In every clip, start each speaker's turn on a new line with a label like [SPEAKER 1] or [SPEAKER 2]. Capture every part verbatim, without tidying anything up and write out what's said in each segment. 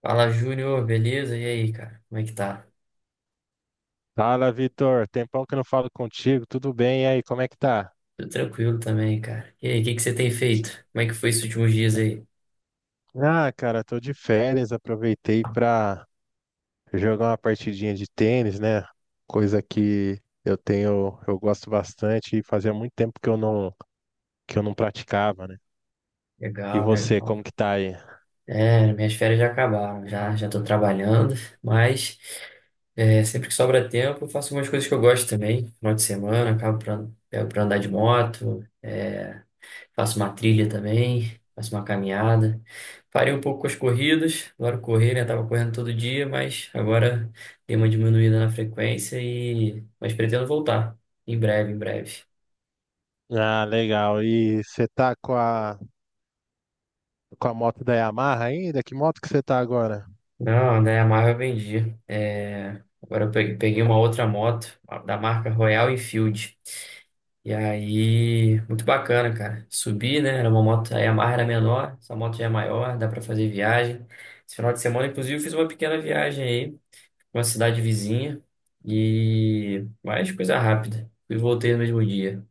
[SPEAKER 1] Fala, Júnior, beleza? E aí, cara? Como é que tá?
[SPEAKER 2] Fala, Vitor. Tempão que eu não falo contigo. Tudo bem? E aí, como é que tá?
[SPEAKER 1] Tudo tranquilo também, cara. E aí, o que que você tem feito? Como é que foi esses últimos dias aí?
[SPEAKER 2] Ah, cara, tô de férias. Aproveitei pra jogar uma partidinha de tênis, né? Coisa que eu tenho, eu gosto bastante e fazia muito tempo que eu não, que eu não, praticava, né? E
[SPEAKER 1] Legal,
[SPEAKER 2] você,
[SPEAKER 1] legal.
[SPEAKER 2] como que tá aí?
[SPEAKER 1] É, minhas férias já acabaram, já já tô trabalhando, mas é, sempre que sobra tempo eu faço umas coisas que eu gosto também. Final de semana, acabo pra, pego pra andar de moto, é, faço uma trilha também, faço uma caminhada. Parei um pouco com as corridas, agora correr, né? Tava correndo todo dia, mas agora dei uma diminuída na frequência e mas pretendo voltar em breve, em breve.
[SPEAKER 2] Ah, legal. E você tá com a, com a moto da Yamaha ainda? Que moto que você tá agora?
[SPEAKER 1] Não, né? A Marvel eu vendi. É, agora eu pe- peguei uma outra moto a- da marca Royal Enfield. E aí, muito bacana, cara. Subi, né? Era uma moto, a Yamaha era menor, essa moto já é maior, dá pra fazer viagem. Esse final de semana, inclusive, eu fiz uma pequena viagem uma cidade vizinha e mais coisa rápida. Fui e voltei no mesmo dia.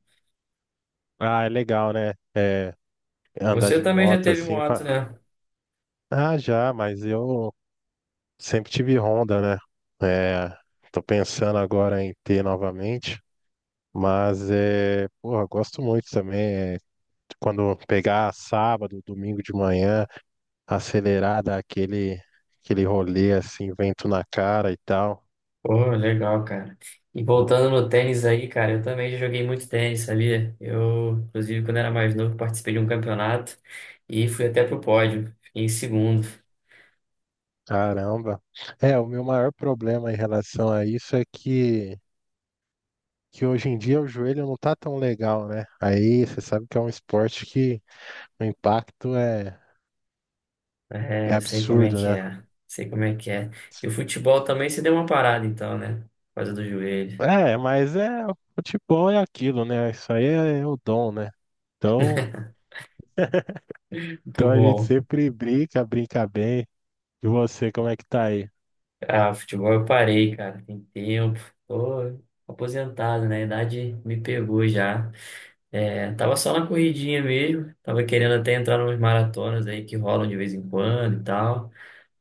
[SPEAKER 2] Ah, é legal, né? É, andar
[SPEAKER 1] Você
[SPEAKER 2] de
[SPEAKER 1] também já
[SPEAKER 2] moto
[SPEAKER 1] teve
[SPEAKER 2] assim.
[SPEAKER 1] moto,
[SPEAKER 2] fa-
[SPEAKER 1] né?
[SPEAKER 2] Ah, já, mas eu sempre tive Honda, né? É, tô pensando agora em ter novamente. Mas é, porra, gosto muito também. É, quando pegar sábado, domingo de manhã, acelerar, dar aquele, aquele, rolê assim, vento na cara e tal.
[SPEAKER 1] Pô, legal, cara. E voltando no tênis aí, cara, eu também já joguei muito tênis, sabia? Eu, inclusive, quando era mais novo, participei de um campeonato e fui até pro pódio. Fiquei em segundo.
[SPEAKER 2] Caramba. É, o meu maior problema em relação a isso é que, que hoje em dia o joelho não tá tão legal, né? Aí você sabe que é um esporte que o impacto é, é
[SPEAKER 1] É, sei como é
[SPEAKER 2] absurdo,
[SPEAKER 1] que
[SPEAKER 2] né?
[SPEAKER 1] é. Sei como é que é. E o futebol também se deu uma parada, então, né? Por causa do joelho.
[SPEAKER 2] É, mas é, o futebol é aquilo, né? Isso aí é o dom, né? Então,
[SPEAKER 1] Muito
[SPEAKER 2] então a gente
[SPEAKER 1] bom.
[SPEAKER 2] sempre brinca, brinca bem. E você, como é que tá aí?
[SPEAKER 1] Ah, futebol eu parei, cara, tem tempo. Tô aposentado, né? A idade me pegou já. É, tava só na corridinha mesmo. Tava querendo até entrar numas maratonas aí que rolam de vez em quando e tal.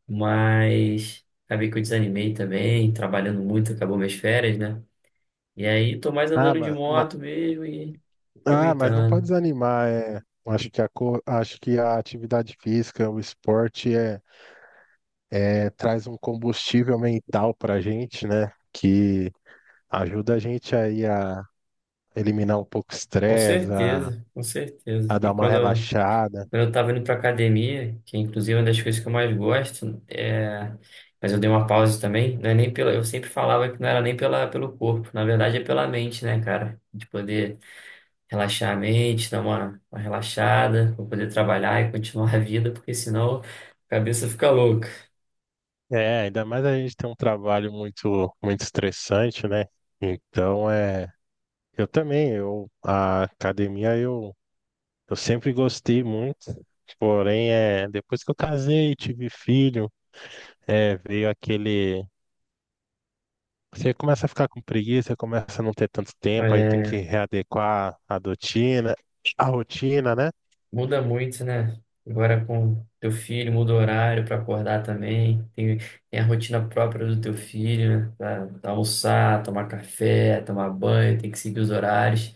[SPEAKER 1] Mas acabei que eu desanimei também, trabalhando muito, acabou minhas férias, né? E aí tô mais
[SPEAKER 2] Ah,
[SPEAKER 1] andando de
[SPEAKER 2] mas,
[SPEAKER 1] moto mesmo e
[SPEAKER 2] ah, mas não pode
[SPEAKER 1] aproveitando.
[SPEAKER 2] desanimar, é. Acho que a, co- acho que a atividade física, o esporte é é, traz um combustível mental para a gente, né? Que ajuda a gente aí a eliminar um pouco o
[SPEAKER 1] Com
[SPEAKER 2] estresse, a,
[SPEAKER 1] certeza, com certeza.
[SPEAKER 2] a dar
[SPEAKER 1] E
[SPEAKER 2] uma
[SPEAKER 1] quando.
[SPEAKER 2] relaxada.
[SPEAKER 1] Quando eu estava indo para academia, que inclusive é uma das coisas que eu mais gosto, é, mas eu dei uma pausa também, não é nem pela, eu sempre falava que não era nem pela, pelo corpo, na verdade é pela mente, né, cara? De poder relaxar a mente, dar uma, uma relaxada, pra poder trabalhar e continuar a vida, porque senão a cabeça fica louca.
[SPEAKER 2] É, ainda mais a gente tem um trabalho muito, muito estressante, né? Então, é, eu também, eu, a academia eu, eu sempre gostei muito, porém, é, depois que eu casei e tive filho, é, veio aquele. Você começa a ficar com preguiça, começa a não ter tanto tempo, aí tem que
[SPEAKER 1] É,
[SPEAKER 2] readequar a rotina, a rotina, né?
[SPEAKER 1] muda muito, né? Agora com teu filho, muda o horário para acordar também. Tem, tem a rotina própria do teu filho, né? Pra pra almoçar, tomar café, tomar banho, tem que seguir os horários.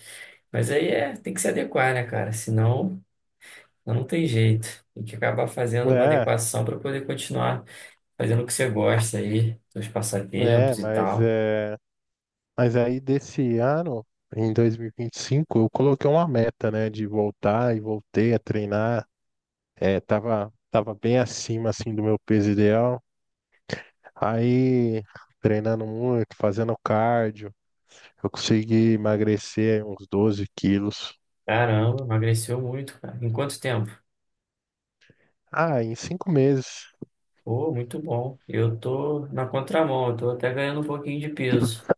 [SPEAKER 1] Mas aí é, tem que se adequar, né, cara? Senão não tem jeito. Tem que acabar fazendo uma
[SPEAKER 2] É,
[SPEAKER 1] adequação para poder continuar fazendo o que você gosta aí, seus
[SPEAKER 2] é,
[SPEAKER 1] passatempos e
[SPEAKER 2] mas
[SPEAKER 1] tal.
[SPEAKER 2] é, mas aí desse ano, em dois mil e vinte e cinco, eu coloquei uma meta, né, de voltar e voltei a treinar. É, tava, tava bem acima assim do meu peso ideal. Aí treinando muito, fazendo cardio, eu consegui emagrecer uns doze quilos.
[SPEAKER 1] Caramba, emagreceu muito, cara. Em quanto tempo?
[SPEAKER 2] Ah, em cinco meses.
[SPEAKER 1] Pô, muito bom. Eu tô na contramão, eu tô até ganhando um pouquinho de peso.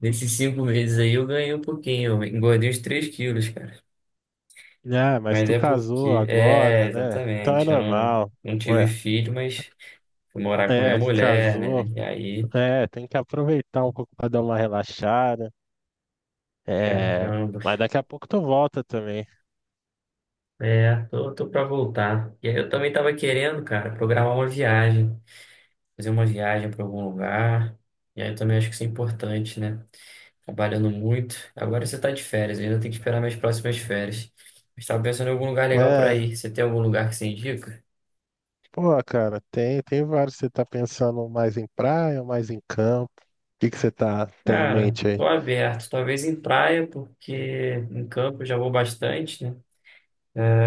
[SPEAKER 1] Nesses cinco meses aí eu ganhei um pouquinho, eu engordei uns três quilos, cara.
[SPEAKER 2] Ah, mas
[SPEAKER 1] Mas
[SPEAKER 2] tu
[SPEAKER 1] é
[SPEAKER 2] casou
[SPEAKER 1] porque, é,
[SPEAKER 2] agora, né? Então é
[SPEAKER 1] exatamente, eu não,
[SPEAKER 2] normal.
[SPEAKER 1] não tive
[SPEAKER 2] Ué,
[SPEAKER 1] filho, mas fui morar com a minha
[SPEAKER 2] é,
[SPEAKER 1] mulher,
[SPEAKER 2] casou.
[SPEAKER 1] né? E aí,
[SPEAKER 2] É, tem que aproveitar um pouco pra dar uma relaxada. É,
[SPEAKER 1] caramba,
[SPEAKER 2] mas daqui a pouco tu volta também.
[SPEAKER 1] é, tô, tô pra voltar. E aí eu também tava querendo, cara, programar uma viagem, fazer uma viagem pra algum lugar. E aí eu também acho que isso é importante, né? Trabalhando muito. Agora você tá de férias, eu ainda tenho que esperar minhas próximas férias. Mas tava pensando em algum lugar legal pra
[SPEAKER 2] É,
[SPEAKER 1] ir. Você tem algum lugar que você indica?
[SPEAKER 2] pô, cara, tem, tem vários. Você tá pensando mais em praia ou mais em campo? O que que você tá, tem em
[SPEAKER 1] Cara,
[SPEAKER 2] mente
[SPEAKER 1] tô
[SPEAKER 2] aí?
[SPEAKER 1] aberto, talvez em praia, porque em campo eu já vou bastante, né?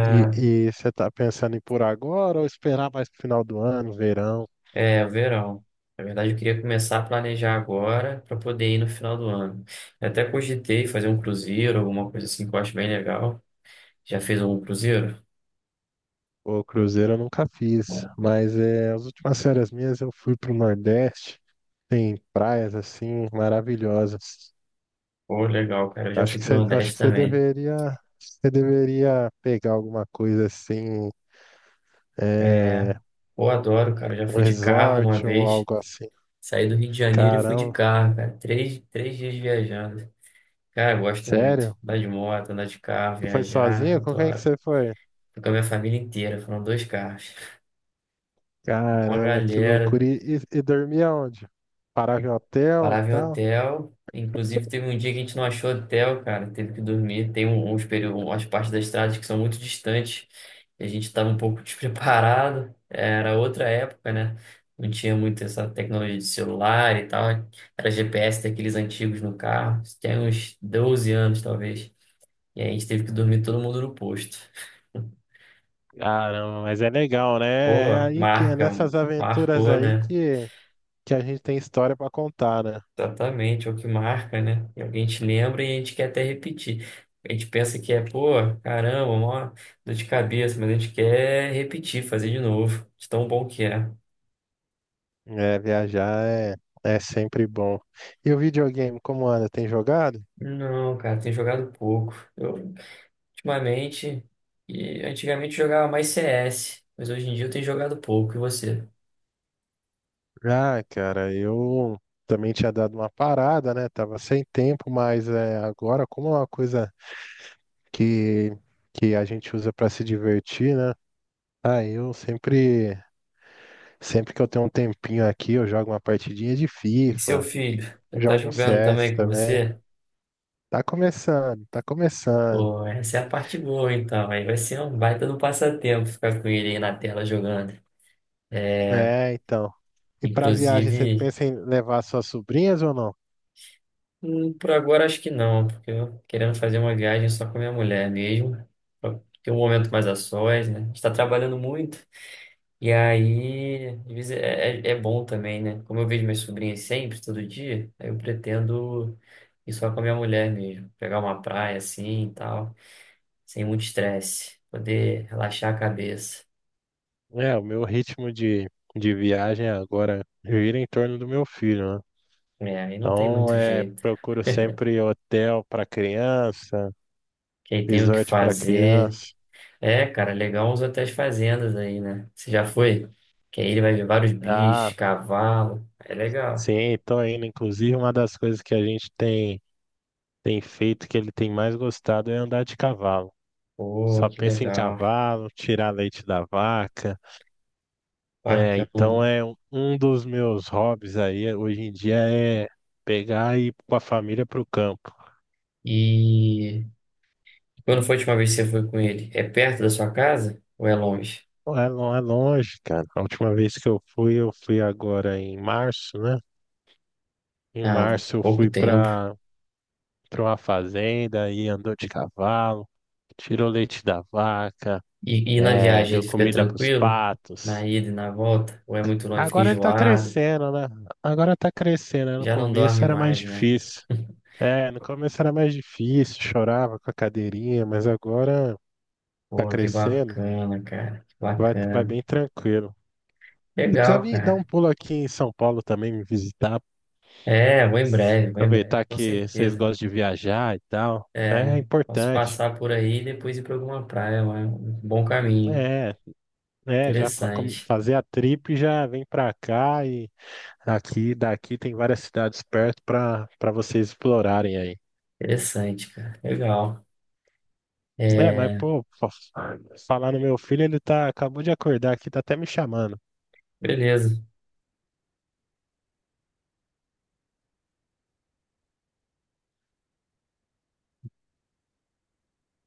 [SPEAKER 2] E, e você tá pensando em ir por agora ou esperar mais pro final do ano, verão?
[SPEAKER 1] É, é, verão. Na verdade, eu queria começar a planejar agora para poder ir no final do ano. Eu até cogitei fazer um cruzeiro, alguma coisa assim que eu acho bem legal. Já fez algum cruzeiro?
[SPEAKER 2] O cruzeiro eu nunca fiz, mas é, as últimas férias minhas eu fui pro Nordeste, tem praias assim maravilhosas.
[SPEAKER 1] Pô, legal, cara. Eu já
[SPEAKER 2] Acho
[SPEAKER 1] fui
[SPEAKER 2] que
[SPEAKER 1] pro
[SPEAKER 2] você, acho
[SPEAKER 1] Nordeste
[SPEAKER 2] que você
[SPEAKER 1] também.
[SPEAKER 2] deveria, você deveria pegar alguma coisa assim,
[SPEAKER 1] É,
[SPEAKER 2] é,
[SPEAKER 1] pô, adoro, cara. Eu já
[SPEAKER 2] um
[SPEAKER 1] fui de carro uma
[SPEAKER 2] resort ou
[SPEAKER 1] vez.
[SPEAKER 2] algo assim.
[SPEAKER 1] Saí do Rio de Janeiro e fui de
[SPEAKER 2] Caramba,
[SPEAKER 1] carro, cara. Três, três dias viajando. Cara, eu gosto muito.
[SPEAKER 2] sério?
[SPEAKER 1] Andar de moto, andar de carro,
[SPEAKER 2] Tu foi
[SPEAKER 1] viajar,
[SPEAKER 2] sozinho? Com quem que
[SPEAKER 1] adoro.
[SPEAKER 2] você foi?
[SPEAKER 1] Fui com a minha família inteira, foram dois carros. Uma
[SPEAKER 2] Caramba, que
[SPEAKER 1] galera,
[SPEAKER 2] loucura! E, e, e dormia onde? Parava em hotel e
[SPEAKER 1] parava em
[SPEAKER 2] tal?
[SPEAKER 1] hotel. Inclusive, teve um dia que a gente não achou hotel, cara, teve que dormir. Tem um- uns períodos, umas partes das estradas que são muito distantes e a gente estava um pouco despreparado. Era outra época, né? Não tinha muito essa tecnologia de celular e tal. Era G P S daqueles antigos no carro. Isso tem uns doze anos, talvez. E aí a gente teve que dormir todo mundo no posto.
[SPEAKER 2] Caramba, mas é legal, né?
[SPEAKER 1] Pô,
[SPEAKER 2] É aí que é
[SPEAKER 1] marca,
[SPEAKER 2] nessas aventuras
[SPEAKER 1] marcou,
[SPEAKER 2] aí
[SPEAKER 1] né?
[SPEAKER 2] que, que, a gente tem história pra contar, né?
[SPEAKER 1] Exatamente, é o que marca, né? E alguém te lembra e a gente quer até repetir. A gente pensa que é, pô, caramba, mó dor de cabeça, mas a gente quer repetir, fazer de novo, de tão bom que é.
[SPEAKER 2] É, viajar é, é sempre bom. E o videogame, como anda? Tem jogado?
[SPEAKER 1] Não, cara, tem jogado pouco. Eu, ultimamente, e antigamente eu jogava mais C S, mas hoje em dia eu tenho jogado pouco. E você?
[SPEAKER 2] Ah, cara, eu também tinha dado uma parada, né? Tava sem tempo, mas é, agora, como é uma coisa que, que a gente usa pra se divertir, né? Ah, eu sempre, sempre que eu tenho um tempinho aqui, eu jogo uma partidinha de
[SPEAKER 1] E seu
[SPEAKER 2] FIFA,
[SPEAKER 1] filho? Já tá
[SPEAKER 2] jogo um
[SPEAKER 1] jogando
[SPEAKER 2] C S
[SPEAKER 1] também com
[SPEAKER 2] também.
[SPEAKER 1] você?
[SPEAKER 2] Tá começando, tá começando.
[SPEAKER 1] Pô, essa é a parte boa, então. Aí vai ser um baita do passatempo ficar com ele aí na tela jogando.
[SPEAKER 2] É, então. E para viagem, você
[SPEAKER 1] Inclusive,
[SPEAKER 2] pensa em levar suas sobrinhas ou não?
[SPEAKER 1] hum, por agora acho que não, porque eu querendo fazer uma viagem só com a minha mulher mesmo. Pra ter um momento mais a sós, né? A gente tá trabalhando muito. E aí, às vezes é, é, é bom também, né? Como eu vejo minhas sobrinhas sempre, todo dia, aí eu pretendo ir só com a minha mulher mesmo. Pegar uma praia assim e tal, sem muito estresse. Poder relaxar a cabeça.
[SPEAKER 2] É, o meu ritmo de, de viagem agora gira em torno do meu filho, né?
[SPEAKER 1] É, aí não tem
[SPEAKER 2] Então,
[SPEAKER 1] muito
[SPEAKER 2] é,
[SPEAKER 1] jeito.
[SPEAKER 2] procuro sempre hotel para criança,
[SPEAKER 1] Quem tem o que
[SPEAKER 2] resort para
[SPEAKER 1] fazer.
[SPEAKER 2] criança.
[SPEAKER 1] É, cara, legal os hotéis fazendas aí, né? Você já foi? Que aí ele vai ver vários bichos,
[SPEAKER 2] Ah,
[SPEAKER 1] cavalo. É legal.
[SPEAKER 2] sim, tô indo. Inclusive, uma das coisas que a gente tem, tem feito, que ele tem mais gostado, é andar de cavalo.
[SPEAKER 1] Pô,
[SPEAKER 2] Só
[SPEAKER 1] que
[SPEAKER 2] pensa em
[SPEAKER 1] legal.
[SPEAKER 2] cavalo, tirar leite da vaca. É,
[SPEAKER 1] Bacana.
[SPEAKER 2] então é um um dos meus hobbies aí hoje em dia é pegar e ir com a família pro campo.
[SPEAKER 1] E quando foi a última vez que você foi com ele? É perto da sua casa ou é longe?
[SPEAKER 2] Não é, não é longe, cara. A última vez que eu fui, eu fui, agora em março, né? Em
[SPEAKER 1] Ah,
[SPEAKER 2] março eu
[SPEAKER 1] pouco
[SPEAKER 2] fui
[SPEAKER 1] tempo.
[SPEAKER 2] para para uma fazenda aí andou de cavalo, tirou leite da vaca,
[SPEAKER 1] E, e na
[SPEAKER 2] é,
[SPEAKER 1] viagem
[SPEAKER 2] deu
[SPEAKER 1] ele fica
[SPEAKER 2] comida pros
[SPEAKER 1] tranquilo? Na
[SPEAKER 2] patos.
[SPEAKER 1] ida e na volta? Ou é muito longe, fica
[SPEAKER 2] Agora ele tá
[SPEAKER 1] enjoado?
[SPEAKER 2] crescendo, né? Agora tá crescendo, né? No
[SPEAKER 1] Já não
[SPEAKER 2] começo
[SPEAKER 1] dorme
[SPEAKER 2] era mais
[SPEAKER 1] mais, né?
[SPEAKER 2] difícil. É, no começo era mais difícil, chorava com a cadeirinha, mas agora tá
[SPEAKER 1] Pô, que
[SPEAKER 2] crescendo,
[SPEAKER 1] bacana, cara. Que
[SPEAKER 2] vai, vai
[SPEAKER 1] bacana.
[SPEAKER 2] bem tranquilo. Você precisa
[SPEAKER 1] Legal,
[SPEAKER 2] vir dar um
[SPEAKER 1] cara.
[SPEAKER 2] pulo aqui em São Paulo também, me visitar,
[SPEAKER 1] É, vou em breve, vou em breve,
[SPEAKER 2] aproveitar
[SPEAKER 1] com
[SPEAKER 2] que vocês
[SPEAKER 1] certeza.
[SPEAKER 2] gostam de viajar e tal.
[SPEAKER 1] É,
[SPEAKER 2] É
[SPEAKER 1] posso
[SPEAKER 2] importante.
[SPEAKER 1] passar por aí e depois ir para alguma praia, é um bom caminho.
[SPEAKER 2] É, é, já fa- come-
[SPEAKER 1] Interessante,
[SPEAKER 2] fazer a trip já vem pra cá e aqui, daqui tem várias cidades perto pra, pra vocês explorarem aí.
[SPEAKER 1] interessante, cara. Legal.
[SPEAKER 2] É, mas
[SPEAKER 1] É,
[SPEAKER 2] pô, fa- falar no meu filho, ele tá, acabou de acordar aqui, tá até me chamando.
[SPEAKER 1] beleza.